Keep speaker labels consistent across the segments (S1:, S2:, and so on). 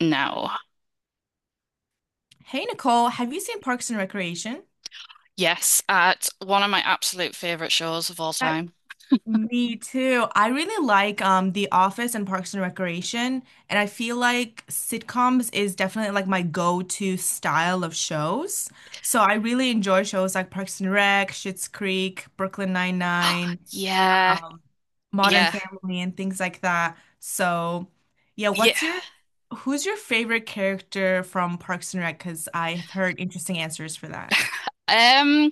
S1: No.
S2: Hey Nicole, have you seen Parks and Recreation?
S1: Yes, at one of my absolute favorite shows of all
S2: That-
S1: time.
S2: Me too. I really like The Office and Parks and Recreation, and I feel like sitcoms is definitely like my go-to style of shows. So I really enjoy shows like Parks and Rec, Schitt's Creek, Brooklyn Nine-Nine,
S1: Yeah,
S2: um, Modern
S1: yeah,
S2: Family, and things like that. So yeah,
S1: yeah.
S2: what's your who's your favorite character from Parks and Rec? Because I've heard interesting answers for that.
S1: Um,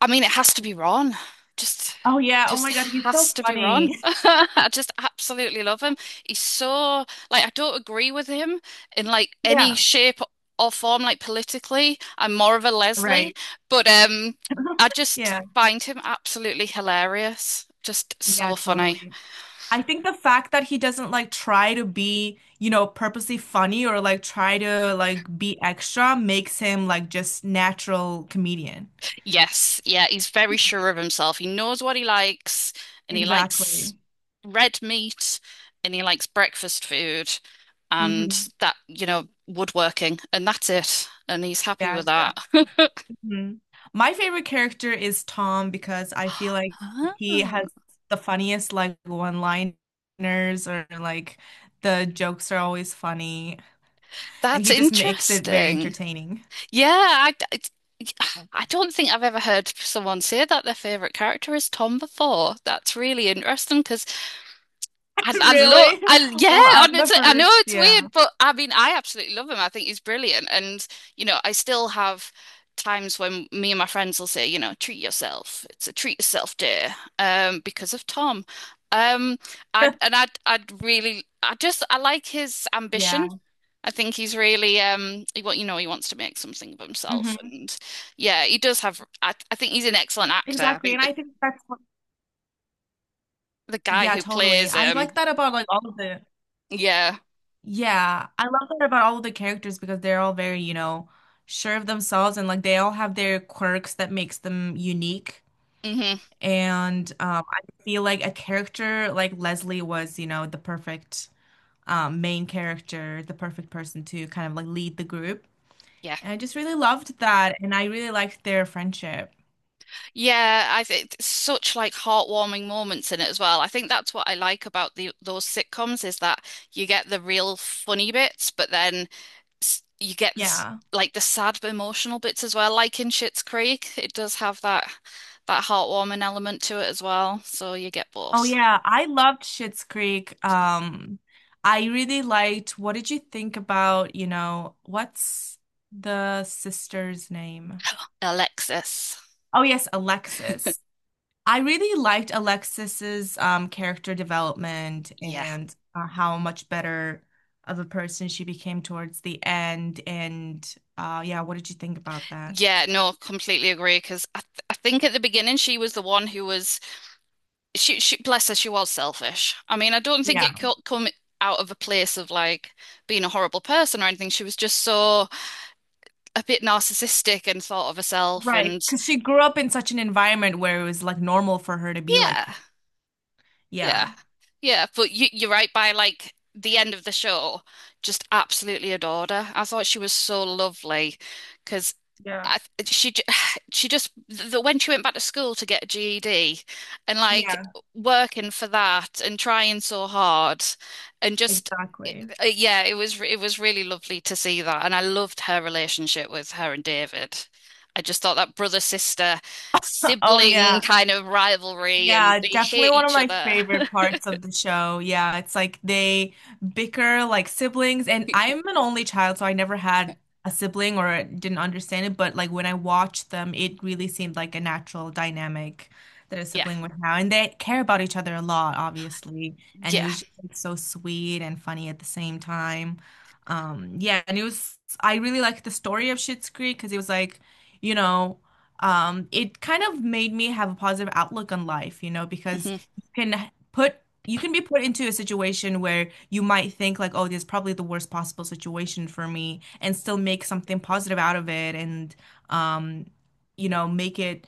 S1: I mean, it has to be Ron. Just,
S2: Oh yeah, oh
S1: just
S2: my God, he's so
S1: has to be Ron.
S2: funny.
S1: I just absolutely love him. He's so like I don't agree with him in like any
S2: Yeah,
S1: shape or form, like politically. I'm more of a Leslie,
S2: right.
S1: but I just
S2: Yeah,
S1: find him absolutely hilarious. Just
S2: yeah,
S1: so funny.
S2: totally. I think the fact that he doesn't like try to be, purposely funny or like try to like be extra makes him like just natural comedian.
S1: Yes, yeah, he's very sure of himself. He knows what he likes, and he likes
S2: Exactly.
S1: red meat, and he likes breakfast food, and
S2: Hmm.
S1: that, woodworking, and that's it. And he's happy
S2: Yeah,
S1: with that.
S2: exactly. Hmm. My favorite character is Tom because I feel like
S1: Ah,
S2: he has the funniest like one-liners or like the jokes are always funny and
S1: that's
S2: he just makes it very
S1: interesting.
S2: entertaining.
S1: Yeah, I, it's- I don't think I've ever heard someone say that their favorite character is Tom before. That's really interesting because
S2: Really?
S1: yeah,
S2: Well,
S1: and
S2: I'm the
S1: I know
S2: first.
S1: it's weird,
S2: Yeah.
S1: but I mean, I absolutely love him. I think he's brilliant. And, you know, I still have times when me and my friends will say, you know, treat yourself. It's a treat yourself day, because of Tom. Um, and I'd really, I just, I like his ambition.
S2: Yeah.
S1: I think he's really, you know, he wants to make something of himself.
S2: Hmm.
S1: And yeah, he does I think he's an excellent actor.
S2: Exactly. And I think that's
S1: The guy
S2: yeah,
S1: who
S2: totally.
S1: plays
S2: I like
S1: him,
S2: that about like all of
S1: yeah.
S2: yeah, I love that about all of the characters because they're all very, you know, sure of themselves and like they all have their quirks that makes them unique.
S1: hmm
S2: And I feel like a character like Leslie was, you know, the perfect main character, the perfect person to kind of like lead the group.
S1: yeah.
S2: And I just really loved that. And I really liked their friendship.
S1: Yeah, I think such like heartwarming moments in it as well. I think that's what I like about the those sitcoms is that you get the real funny bits, but then you get this
S2: Yeah.
S1: like the sad emotional bits as well. Like in Schitt's Creek, it does have that heartwarming element to it as well. So you get
S2: Oh
S1: both.
S2: yeah, I loved Schitt's Creek. I really liked. What did you think about, you know, what's the sister's name?
S1: Alexis.
S2: Oh yes, Alexis. I really liked Alexis's character development
S1: Yeah.
S2: and how much better of a person she became towards the end. And yeah, what did you think about that?
S1: Yeah, no, completely agree because I think at the beginning she was the one who was she bless her, she was selfish. I mean, I don't think
S2: Yeah.
S1: it co come out of a place of like being a horrible person or anything. She was just so a bit narcissistic and thought of herself
S2: Right,
S1: and
S2: because she grew up in such an environment where it was like normal for her to be like,
S1: yeah. Yeah.
S2: yeah.
S1: Yeah, but you're right, by like the end of the show, just absolutely adored her. I thought she was so lovely because
S2: Yeah,
S1: I, she j- she just the, when she went back to school to get a GED and like
S2: yeah,
S1: working for that and trying so hard and just it,
S2: exactly.
S1: yeah, it was really lovely to see that and I loved her relationship with her and David. I just thought that brother sister
S2: Oh yeah.
S1: sibling kind of rivalry and
S2: Yeah,
S1: they
S2: definitely
S1: hate
S2: one of
S1: each
S2: my
S1: other.
S2: favorite parts of the show. Yeah, it's like they bicker like siblings, and I'm an only child, so I never had a sibling or didn't understand it. But like when I watched them, it really seemed like a natural dynamic that a
S1: Yeah.
S2: sibling would have, and they care about each other a lot, obviously. And it
S1: Yeah.
S2: was just like, so sweet and funny at the same time. Yeah, and it was I really liked the story of Schitt's Creek because it was like you know it kind of made me have a positive outlook on life, you know, because
S1: Mhm.
S2: you can be put into a situation where you might think like, oh, this is probably the worst possible situation for me, and still make something positive out of it, and um, you know, make it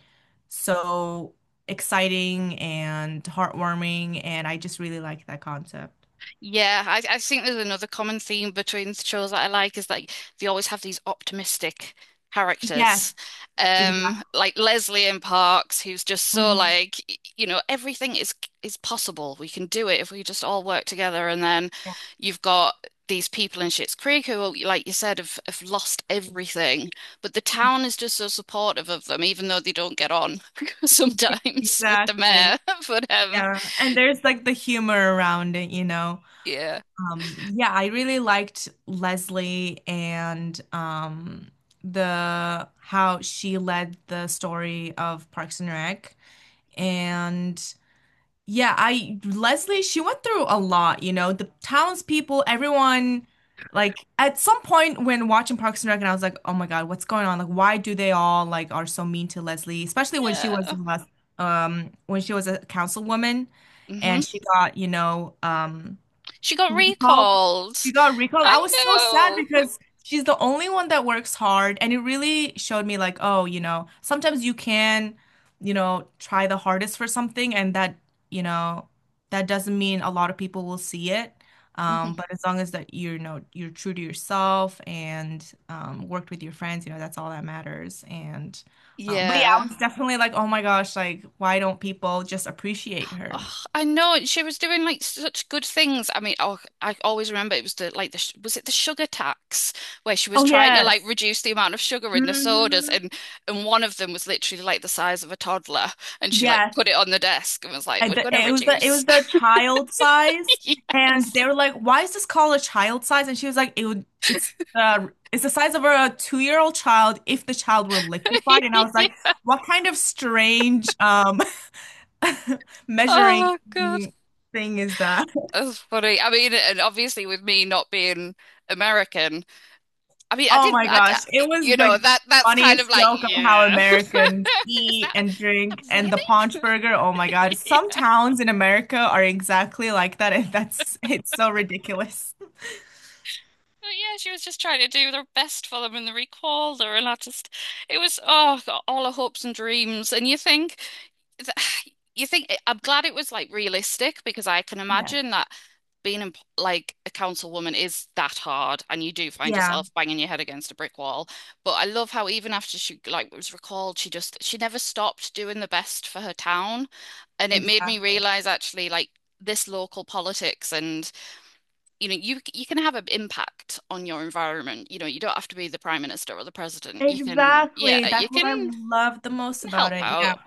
S2: so exciting and heartwarming, and I just really like that concept.
S1: I think there's another common theme between the shows that I like is like they always have these optimistic
S2: Yes,
S1: characters.
S2: exactly.
S1: Like Leslie in Parks, who's just so
S2: Hmm.
S1: like, you know, everything is possible. We can do it if we just all work together. And then
S2: Yeah.
S1: you've got these people in Schitt's Creek who, oh, like you said, have lost everything. But the town is just so supportive of them, even though they don't get on sometimes with the
S2: Exactly.
S1: mayor. But
S2: Yeah. And there's like the humor around it, you know.
S1: yeah.
S2: Yeah, I really liked Leslie and the how she led the story of Parks and Rec. And yeah, I Leslie, she went through a lot, you know, the townspeople, everyone, like at some point when watching Parks and Rec, and I was like, oh my God, what's going on? Like, why do they all like are so mean to Leslie, especially
S1: Yeah.
S2: when she was a councilwoman
S1: Mhm.
S2: and she got, you know.
S1: She got
S2: Recall.
S1: recalled.
S2: She got recalled.
S1: I
S2: I was so sad
S1: know.
S2: because she's the only one that works hard, and it really showed me like, oh, you know, sometimes you can, you know, try the hardest for something, and you know, that doesn't mean a lot of people will see it.
S1: Mhm.
S2: But as long as that you're, you know, you're true to yourself and worked with your friends, you know, that's all that matters. And but yeah, I
S1: Yeah.
S2: was definitely like, oh my gosh, like, why don't people just appreciate her?
S1: Oh, I know. And she was doing like such good things. I mean, oh, I always remember it was the like was it the sugar tax where she was
S2: Oh
S1: trying to like
S2: yes.
S1: reduce the amount of sugar in the sodas
S2: Hmm.
S1: and one of them was literally like the size of a toddler and she like
S2: Yes.
S1: put it on the desk and was like, "We're gonna
S2: It
S1: reduce."
S2: was the child size, and
S1: Yes.
S2: they were like, "Why is this called a child size?" And she was like, "It would it's the size of a 2 year old child if the child were liquefied." And I was like, "What kind of strange measuring
S1: Oh God,
S2: thing is that?"
S1: that's funny. I mean, and obviously with me not being American. I mean, I
S2: Oh
S1: did,
S2: my gosh, it
S1: I-
S2: was
S1: you
S2: like
S1: know,
S2: the
S1: that that's kind of
S2: funniest
S1: like,
S2: joke on how
S1: yeah.
S2: Americans eat and
S1: Is that
S2: drink and the paunch
S1: really?
S2: burger. Oh my God, some
S1: Yeah.
S2: towns in America are exactly like that, and that's it's so ridiculous.
S1: But yeah, she was just trying to do her best for them and they recalled her and I just it was oh got all her hopes and dreams and you think you think I'm glad it was like realistic because I can
S2: Yeah.
S1: imagine that being in, like a councilwoman is that hard and you do find
S2: Yeah,
S1: yourself banging your head against a brick wall. But I love how even after she like was recalled, she just she never stopped doing the best for her town. And it made me
S2: exactly.
S1: realize actually like this local politics and you know you can have an impact on your environment. You know, you don't have to be the prime minister or the president. You can yeah,
S2: Exactly. That's
S1: you
S2: what
S1: can
S2: I
S1: you
S2: love the most
S1: can
S2: about
S1: help
S2: it. Yeah.
S1: out.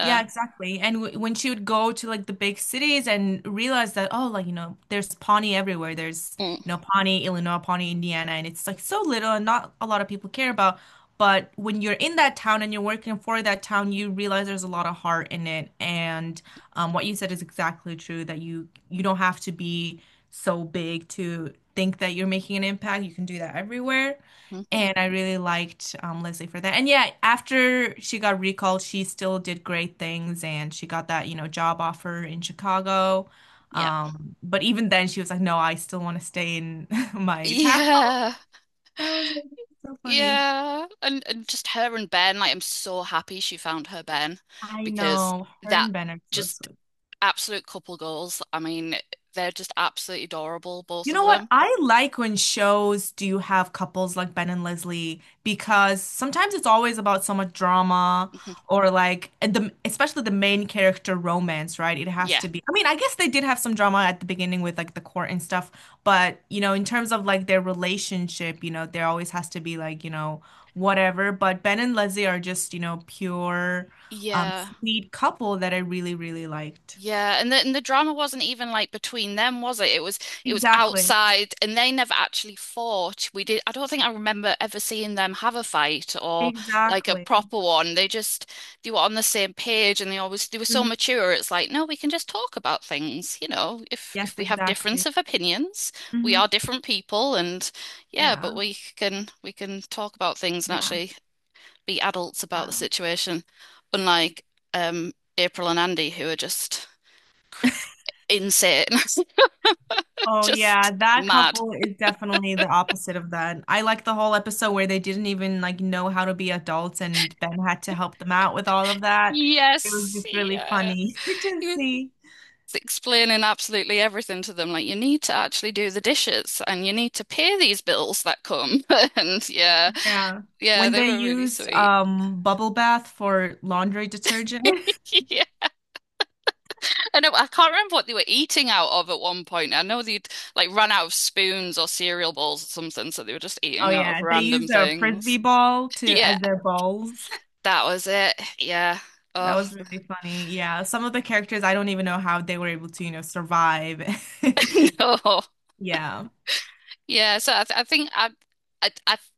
S2: Yeah, exactly. And w when she would go to like the big cities and realize that, oh, like, you know, there's Pawnee everywhere. There's, you know, Pawnee, Illinois, Pawnee, Indiana. And it's like so little and not a lot of people care about. But when you're in that town and you're working for that town, you realize there's a lot of heart in it. And what you said is exactly true that you don't have to be so big to think that you're making an impact. You can do that everywhere.
S1: Mm.
S2: And I really liked Leslie for that. And yeah, after she got recalled, she still did great things and she got that, you know, job offer in Chicago.
S1: Yep.
S2: But even then she was like, no, I still want to stay in my town.
S1: Yeah.
S2: I was like, so funny.
S1: Yeah. And just her and Ben, like I'm so happy she found her Ben
S2: I
S1: because
S2: know. Her
S1: that
S2: and Ben are so
S1: just
S2: sweet.
S1: absolute couple goals. I mean, they're just absolutely adorable, both
S2: You
S1: of
S2: know what?
S1: them.
S2: I like when shows do have couples like Ben and Leslie because sometimes it's always about so much drama
S1: Mhm.
S2: or like and the especially the main character romance, right? It has
S1: Yeah.
S2: to be. I mean, I guess they did have some drama at the beginning with like the court and stuff, but you know, in terms of like their relationship, you know, there always has to be like, you know, whatever. But Ben and Leslie are just, you know, pure,
S1: Yeah.
S2: sweet couple that I really, really liked.
S1: Yeah, and the drama wasn't even like between them, was it? It was
S2: Exactly.
S1: outside, and they never actually fought. We did. I don't think I remember ever seeing them have a fight or like a
S2: Exactly.
S1: proper one. They just they were on the same page, and they always they were so
S2: Mhm.
S1: mature. It's like, no, we can just talk about things. You know,
S2: Yes,
S1: if we have difference
S2: exactly.
S1: of opinions, we
S2: Hmm.
S1: are different people, and yeah,
S2: Yeah,
S1: but we can talk about things and
S2: yeah,
S1: actually be adults about the
S2: yeah.
S1: situation, unlike um April and Andy, who are just insane.
S2: Oh
S1: Just
S2: yeah, that
S1: mad.
S2: couple is definitely the opposite of that. I like the whole episode where they didn't even like know how to be adults and Ben had to help them out with all of that. It was
S1: Yes.
S2: just really
S1: Yeah.
S2: funny to
S1: He was
S2: see.
S1: explaining absolutely everything to them. Like, you need to actually do the dishes and you need to pay these bills that come. And yeah,
S2: Yeah.
S1: yeah,
S2: When
S1: they
S2: they
S1: were really
S2: used
S1: sweet.
S2: bubble bath for laundry detergent.
S1: Yeah. I know, I can't remember what they were eating out of at one point. I know they'd like run out of spoons or cereal bowls or something, so they were just
S2: Oh
S1: eating out of
S2: yeah, they
S1: random
S2: used a frisbee
S1: things.
S2: ball to
S1: Yeah,
S2: as their balls.
S1: that was it. Yeah.
S2: That
S1: Oh,
S2: was really funny. Yeah, some of the characters I don't even know how they were able to, you know, survive.
S1: no.
S2: Yeah.
S1: Yeah, so I, th I think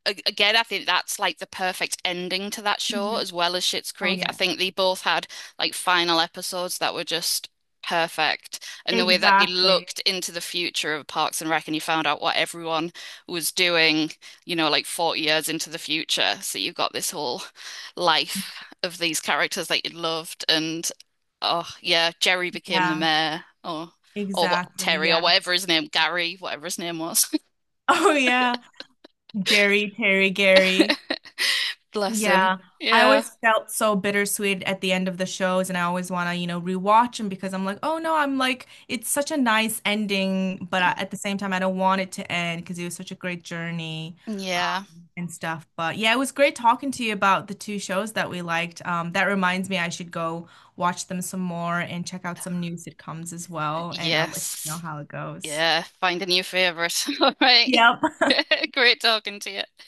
S1: I again I think that's like the perfect ending to that show
S2: Mhm.
S1: as well as Schitt's
S2: Oh
S1: Creek. I
S2: yeah.
S1: think they both had like final episodes that were just perfect, and the way that they
S2: Exactly.
S1: looked into the future of Parks and Rec and you found out what everyone was doing, you know, like 40 years into the future. So you've got this whole life of these characters that you loved, and oh yeah, Jerry became the
S2: Yeah.
S1: mayor, or what
S2: Exactly.
S1: Terry or
S2: Yeah.
S1: whatever his name, Gary, whatever his name was.
S2: Oh yeah. Jerry, Terry, Gary.
S1: Bless him.
S2: Yeah. I
S1: Yeah.
S2: always felt so bittersweet at the end of the shows and I always want to, you know, rewatch them because I'm like, "Oh no, I'm like it's such a nice ending, but at the same time I don't want it to end because it was such a great journey." Um,
S1: Yeah.
S2: and stuff. But yeah, it was great talking to you about the two shows that we liked. That reminds me, I should go watch them some more and check out some new sitcoms as well. And I'll let you know
S1: Yes.
S2: how it goes.
S1: Yeah. Find a new favorite. All right.
S2: Yep.
S1: Great talking to you.